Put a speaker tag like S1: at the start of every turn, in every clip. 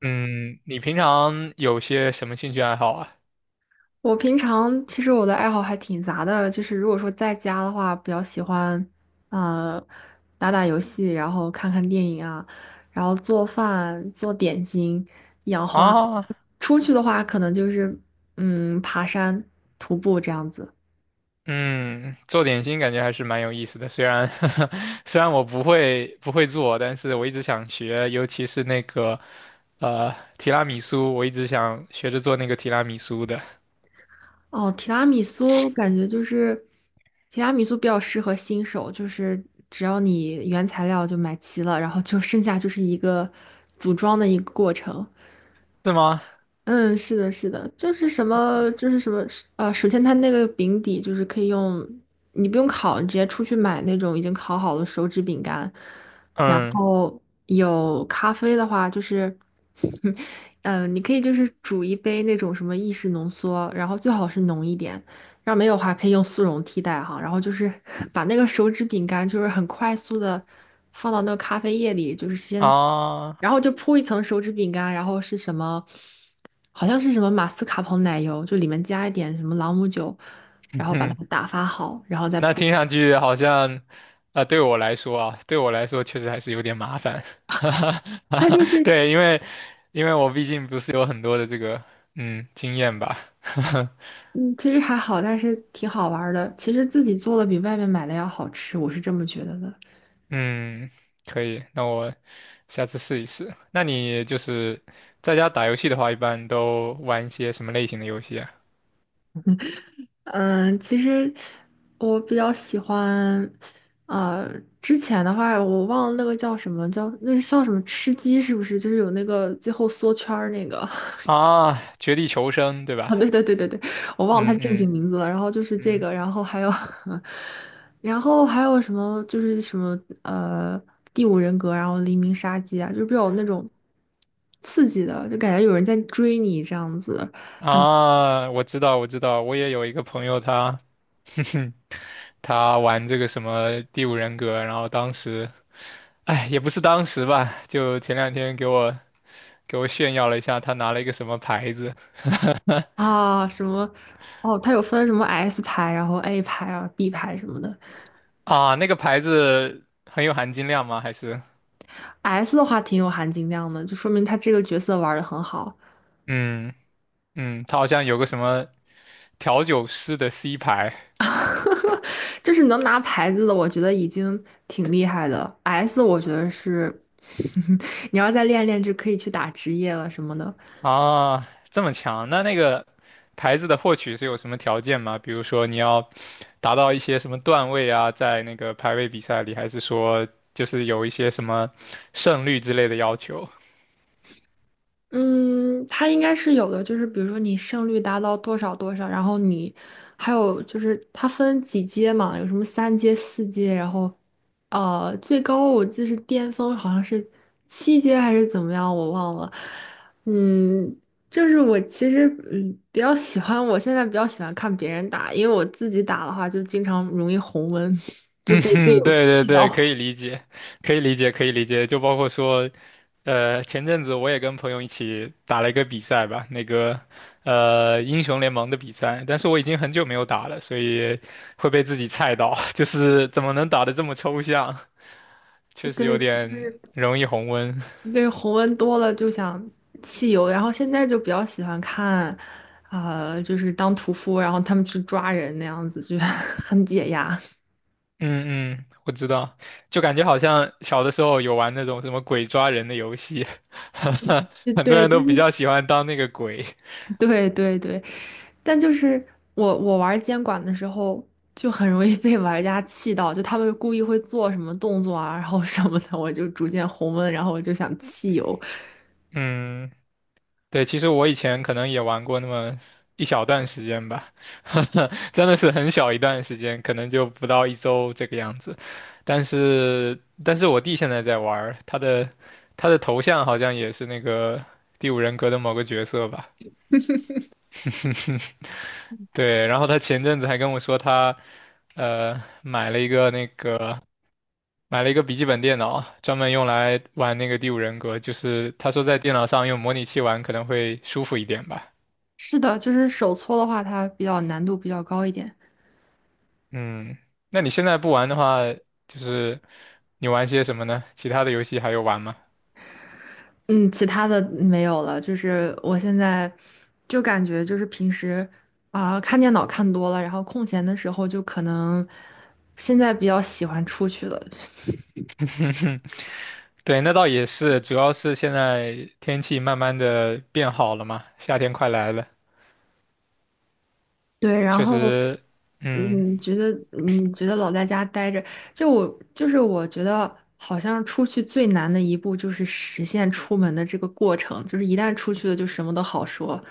S1: 嗯，你平常有些什么兴趣爱好啊？
S2: 我平常其实我的爱好还挺杂的，就是如果说在家的话，比较喜欢，呃，打打游戏，然后看看电影啊，然后做饭、做点心、养花。
S1: 啊，
S2: 出去的话，可能就是嗯，爬山、徒步这样子。
S1: 嗯，做点心感觉还是蛮有意思的，虽然 虽然我不会做，但是我一直想学，尤其是那个提拉米苏，我一直想学着做那个提拉米苏的，
S2: 哦，提拉米苏感觉就是提拉米苏比较适合新手，就是只要你原材料就买齐了，然后就剩下就是一个组装的一个过程。
S1: 是吗？
S2: 嗯，是的，是的，就是什么，首先它那个饼底就是可以用，你不用烤，你直接出去买那种已经烤好的手指饼干。然
S1: 嗯
S2: 后有咖啡的话，就是，嗯、你可以就是煮一杯那种什么意式浓缩，然后最好是浓一点。要没有的话，可以用速溶替代哈。然后就是 把那个手指饼干，就是很快速的放到那个咖啡液里，就是先，
S1: 啊，
S2: 然后就铺一层手指饼干，然后是什么？好像是什么马斯卡彭奶油，就里面加一点什么朗姆酒，然后把它 打发好，然后再
S1: 那
S2: 铺。
S1: 听上去好像，啊、对我来说确实还是有点麻烦，哈哈
S2: 它
S1: 哈
S2: 就是，
S1: 对，因为我毕竟不是有很多的这个经验吧，
S2: 嗯，其实还好，但是挺好玩儿的。其实自己做的比外面买的要好吃，我是这么觉得的。
S1: 嗯，可以，那我下次试一试。那你就是在家打游戏的话，一般都玩一些什么类型的游戏啊？
S2: 嗯，其实我比较喜欢，呃，之前的话我忘了那个叫什么，叫那叫什么吃鸡是不是？就是有那个最后缩圈儿那个。
S1: 啊，绝地求生，对 吧？
S2: 哦，对对对对对，我忘了他
S1: 嗯
S2: 正
S1: 嗯
S2: 经名字了。然后就是这
S1: 嗯。
S2: 个，然后还有，然后还有什么，就是什么，第五人格，然后黎明杀机啊，就是比较那种刺激的，就感觉有人在追你这样子
S1: 啊，我知道，我知道，我也有一个朋友他，哼哼他玩这个什么《第五人格》，然后当时，哎，也不是当时吧，就前两天给我炫耀了一下，他拿了一个什么牌子，
S2: 啊，什么哦，他有分什么 S 牌，然后 A 牌啊，B 牌什么的。
S1: 啊，那个牌子很有含金量吗？还是，
S2: S 的话挺有含金量的，就说明他这个角色玩的很好。
S1: 嗯嗯，他好像有个什么调酒师的 C 牌，
S2: 就是能拿牌子的，我觉得已经挺厉害的。S，我觉得是，你要再练练，就可以去打职业了什么的。
S1: 啊，这么强？那那个牌子的获取是有什么条件吗？比如说你要达到一些什么段位啊，在那个排位比赛里，还是说就是有一些什么胜率之类的要求？
S2: 嗯，它应该是有的，就是比如说你胜率达到多少多少，然后你还有就是它分几阶嘛，有什么三阶、四阶，然后最高我记得是巅峰好像是七阶还是怎么样，我忘了。嗯，就是我其实嗯比较喜欢，我现在比较喜欢看别人打，因为我自己打的话就经常容易红温，就
S1: 嗯
S2: 被队
S1: 哼，
S2: 友
S1: 对对
S2: 气
S1: 对，可
S2: 到。
S1: 以理解，可以理解，可以理解。就包括说，呃，前阵子我也跟朋友一起打了一个比赛吧，那个英雄联盟的比赛，但是我已经很久没有打了，所以会被自己菜到，就是怎么能打得这么抽象？确实有
S2: 对。
S1: 点容易红温。
S2: 对，红温多了就想汽油，然后现在就比较喜欢看，就是当屠夫，然后他们去抓人那样子，就 很解压。
S1: 嗯嗯，我知道，就感觉好像小的时候有玩那种什么鬼抓人的游戏，
S2: 就
S1: 很多
S2: 对，
S1: 人
S2: 就
S1: 都比
S2: 是
S1: 较喜欢当那个鬼。
S2: 对对对，但就是我玩监管的时候，就很容易被玩家气到，就他们故意会做什么动作啊，然后什么的，我就逐渐红温，然后我就想弃游。
S1: 嗯，对，其实我以前可能也玩过那么一小段时间吧，真的是很小一段时间，可能就不到一周这个样子。但是我弟现在在玩儿他的他的头像好像也是那个《第五人格》的某个角色吧。对，然后他前阵子还跟我说他，呃，买了一个那个买了一个笔记本电脑，专门用来玩那个《第五人格》，就是他说在电脑上用模拟器玩可能会舒服一点吧。
S2: 是的，就是手搓的话，它比较难度比较高一点。
S1: 嗯，那你现在不玩的话，就是你玩些什么呢？其他的游戏还有玩吗？
S2: 嗯，其他的没有了，就是我现在就感觉就是平时啊、看电脑看多了，然后空闲的时候就可能现在比较喜欢出去了，
S1: 对，那倒也是，主要是现在天气慢慢的变好了嘛，夏天快来了，
S2: 对，然
S1: 确
S2: 后
S1: 实，嗯，
S2: 觉得老在家待着，就我就是我觉得好像出去最难的一步就是实现出门的这个过程，就是一旦出去了就什么都好说。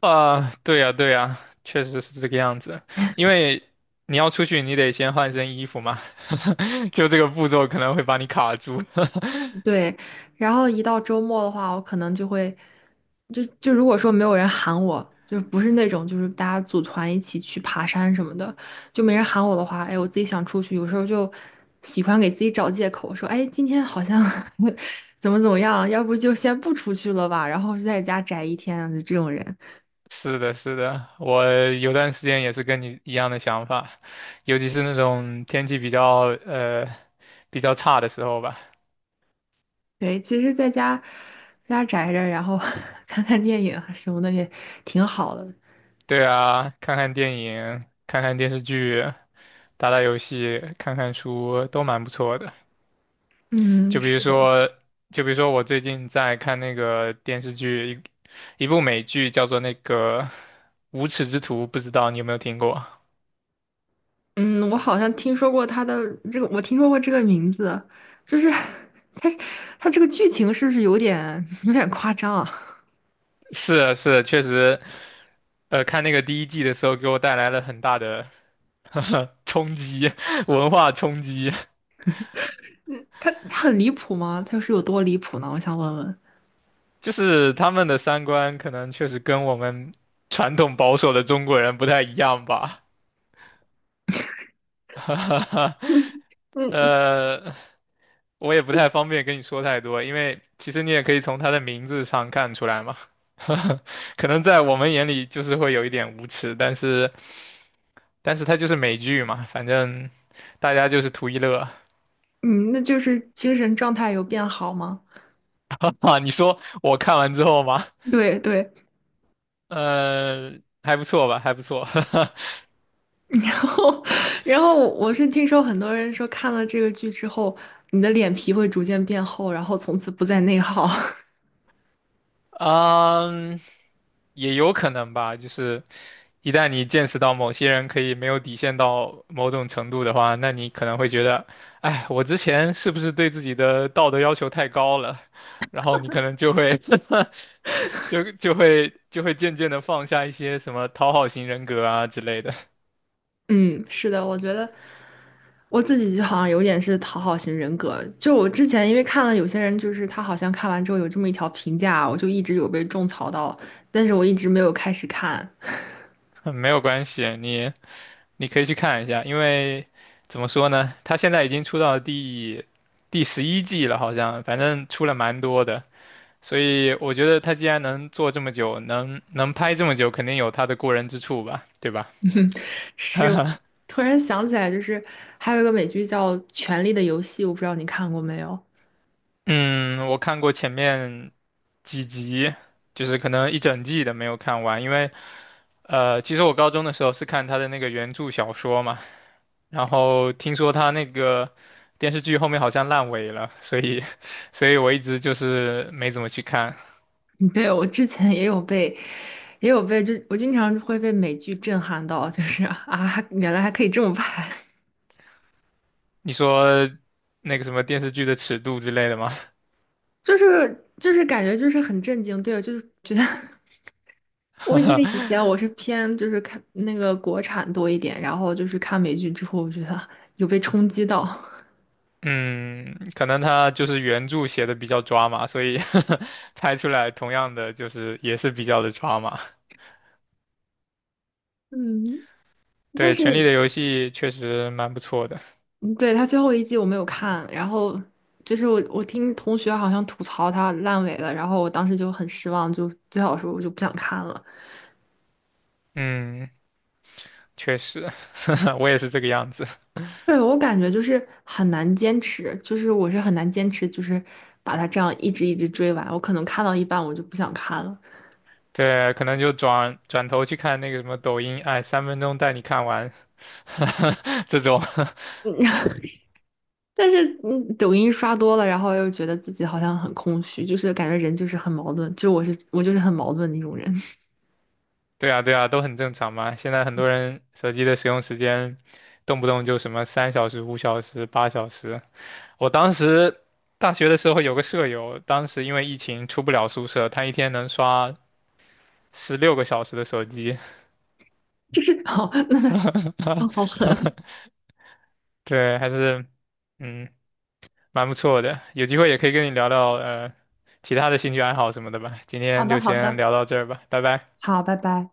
S1: 啊，对呀，对呀，确实是这个样子。因为你要出去，你得先换身衣服嘛，就这个步骤可能会把你卡住。
S2: 对，然后一到周末的话，我可能就会，就如果说没有人喊我，就不是那种就是大家组团一起去爬山什么的，就没人喊我的话，哎，我自己想出去，有时候就喜欢给自己找借口，说，哎，今天好像 怎么怎么样，要不就先不出去了吧，然后就在家宅一天，就这种人。
S1: 是的，是的，我有段时间也是跟你一样的想法，尤其是那种天气比较比较差的时候吧。
S2: 对，其实在家宅着，然后 看看电影啊什么的也挺好的。
S1: 对啊，看看电影，看看电视剧，打打游戏，看看书，都蛮不错的。
S2: 嗯，
S1: 就比如
S2: 是的。
S1: 说，就比如说我最近在看那个电视剧，一部美剧叫做那个《无耻之徒》，不知道你有没有听过？
S2: 嗯，我好像听说过他的这个，我听说过这个名字，就是他他这个剧情是不是有点夸张啊？
S1: 是啊是啊，确实，呃，看那个第一季的时候，给我带来了很大的 冲击，文化冲击。
S2: 他很离谱吗？他是有多离谱呢？我想问问。
S1: 就是他们的三观可能确实跟我们传统保守的中国人不太一样吧。哈哈哈，
S2: 嗯
S1: 呃，我也不太方便跟你说太多，因为其实你也可以从他的名字上看出来嘛。可能在我们眼里就是会有一点无耻，但是他就是美剧嘛，反正大家就是图一乐。
S2: 嗯，那就是精神状态有变好吗？
S1: 哈你说我看完之后吗？
S2: 对对，
S1: 呃，还不错吧，还不错。
S2: 然后我是听说很多人说看了这个剧之后，你的脸皮会逐渐变厚，然后从此不再内耗。
S1: 嗯，也有可能吧，就是一旦你见识到某些人可以没有底线到某种程度的话，那你可能会觉得，哎，我之前是不是对自己的道德要求太高了？然后你可能就会 就会渐渐的放下一些什么讨好型人格啊之类的，
S2: 嗯，是的，我觉得。我自己就好像有点是讨好型人格，就我之前因为看了有些人，就是他好像看完之后有这么一条评价，我就一直有被种草到，但是我一直没有开始看。
S1: 没有关系，你你可以去看一下，因为怎么说呢，他现在已经出到第十一季了，好像反正出了蛮多的。所以我觉得他既然能做这么久，能拍这么久，肯定有他的过人之处吧，对吧？
S2: 是，我突然想起来，就是还有一个美剧叫《权力的游戏》，我不知道你看过没有？
S1: 嗯，我看过前面几集，就是可能一整季的没有看完，因为呃，其实我高中的时候是看他的那个原著小说嘛，然后听说他那个电视剧后面好像烂尾了，所以 所以我一直就是没怎么去看。
S2: 对，我之前也有被，也有被，就我经常会被美剧震撼到，就是啊，原来还可以这么拍，
S1: 你说那个什么电视剧的尺度之类的吗？
S2: 就是感觉就是很震惊，对，就是觉得。我因为以前我 是偏就是看那个国产多一点，然后就是看美剧之后，我觉得 有被冲击到。
S1: 嗯，可能他就是原著写的比较抓嘛，所以 拍出来同样的就是也是比较的抓嘛。
S2: 嗯，但
S1: 对，《权力
S2: 是
S1: 的游戏》确实蛮不错的。
S2: 嗯对他最后一季我没有看，然后就是我听同学好像吐槽他烂尾了，然后我当时就很失望，就最好说我就不想看了。
S1: 嗯，确实，我也是这个样子。
S2: 对，我感觉就是很难坚持，就是我是很难坚持，就是把它这样一直追完，我可能看到一半我就不想看了。
S1: 对，可能就转转头去看那个什么抖音，哎，3分钟带你看完，这种。
S2: 但是，嗯，抖音刷多了，然后又觉得自己好像很空虚，就是感觉人就是很矛盾，就我是我就是很矛盾的一种人，
S1: 对啊，对啊，都很正常嘛。现在很多人手机的使用时间，动不动就什么3小时、5小时、8小时。我当时大学的时候有个舍友，当时因为疫情出不了宿舍，他一天能刷16个小时的手机，
S2: 就是好，那哦，好 狠，
S1: 对，还是嗯蛮不错的。有机会也可以跟你聊聊其他的兴趣爱好什么的吧。今
S2: 好
S1: 天
S2: 的，
S1: 就
S2: 好
S1: 先
S2: 的，
S1: 聊到这儿吧，拜拜。
S2: 好，拜拜。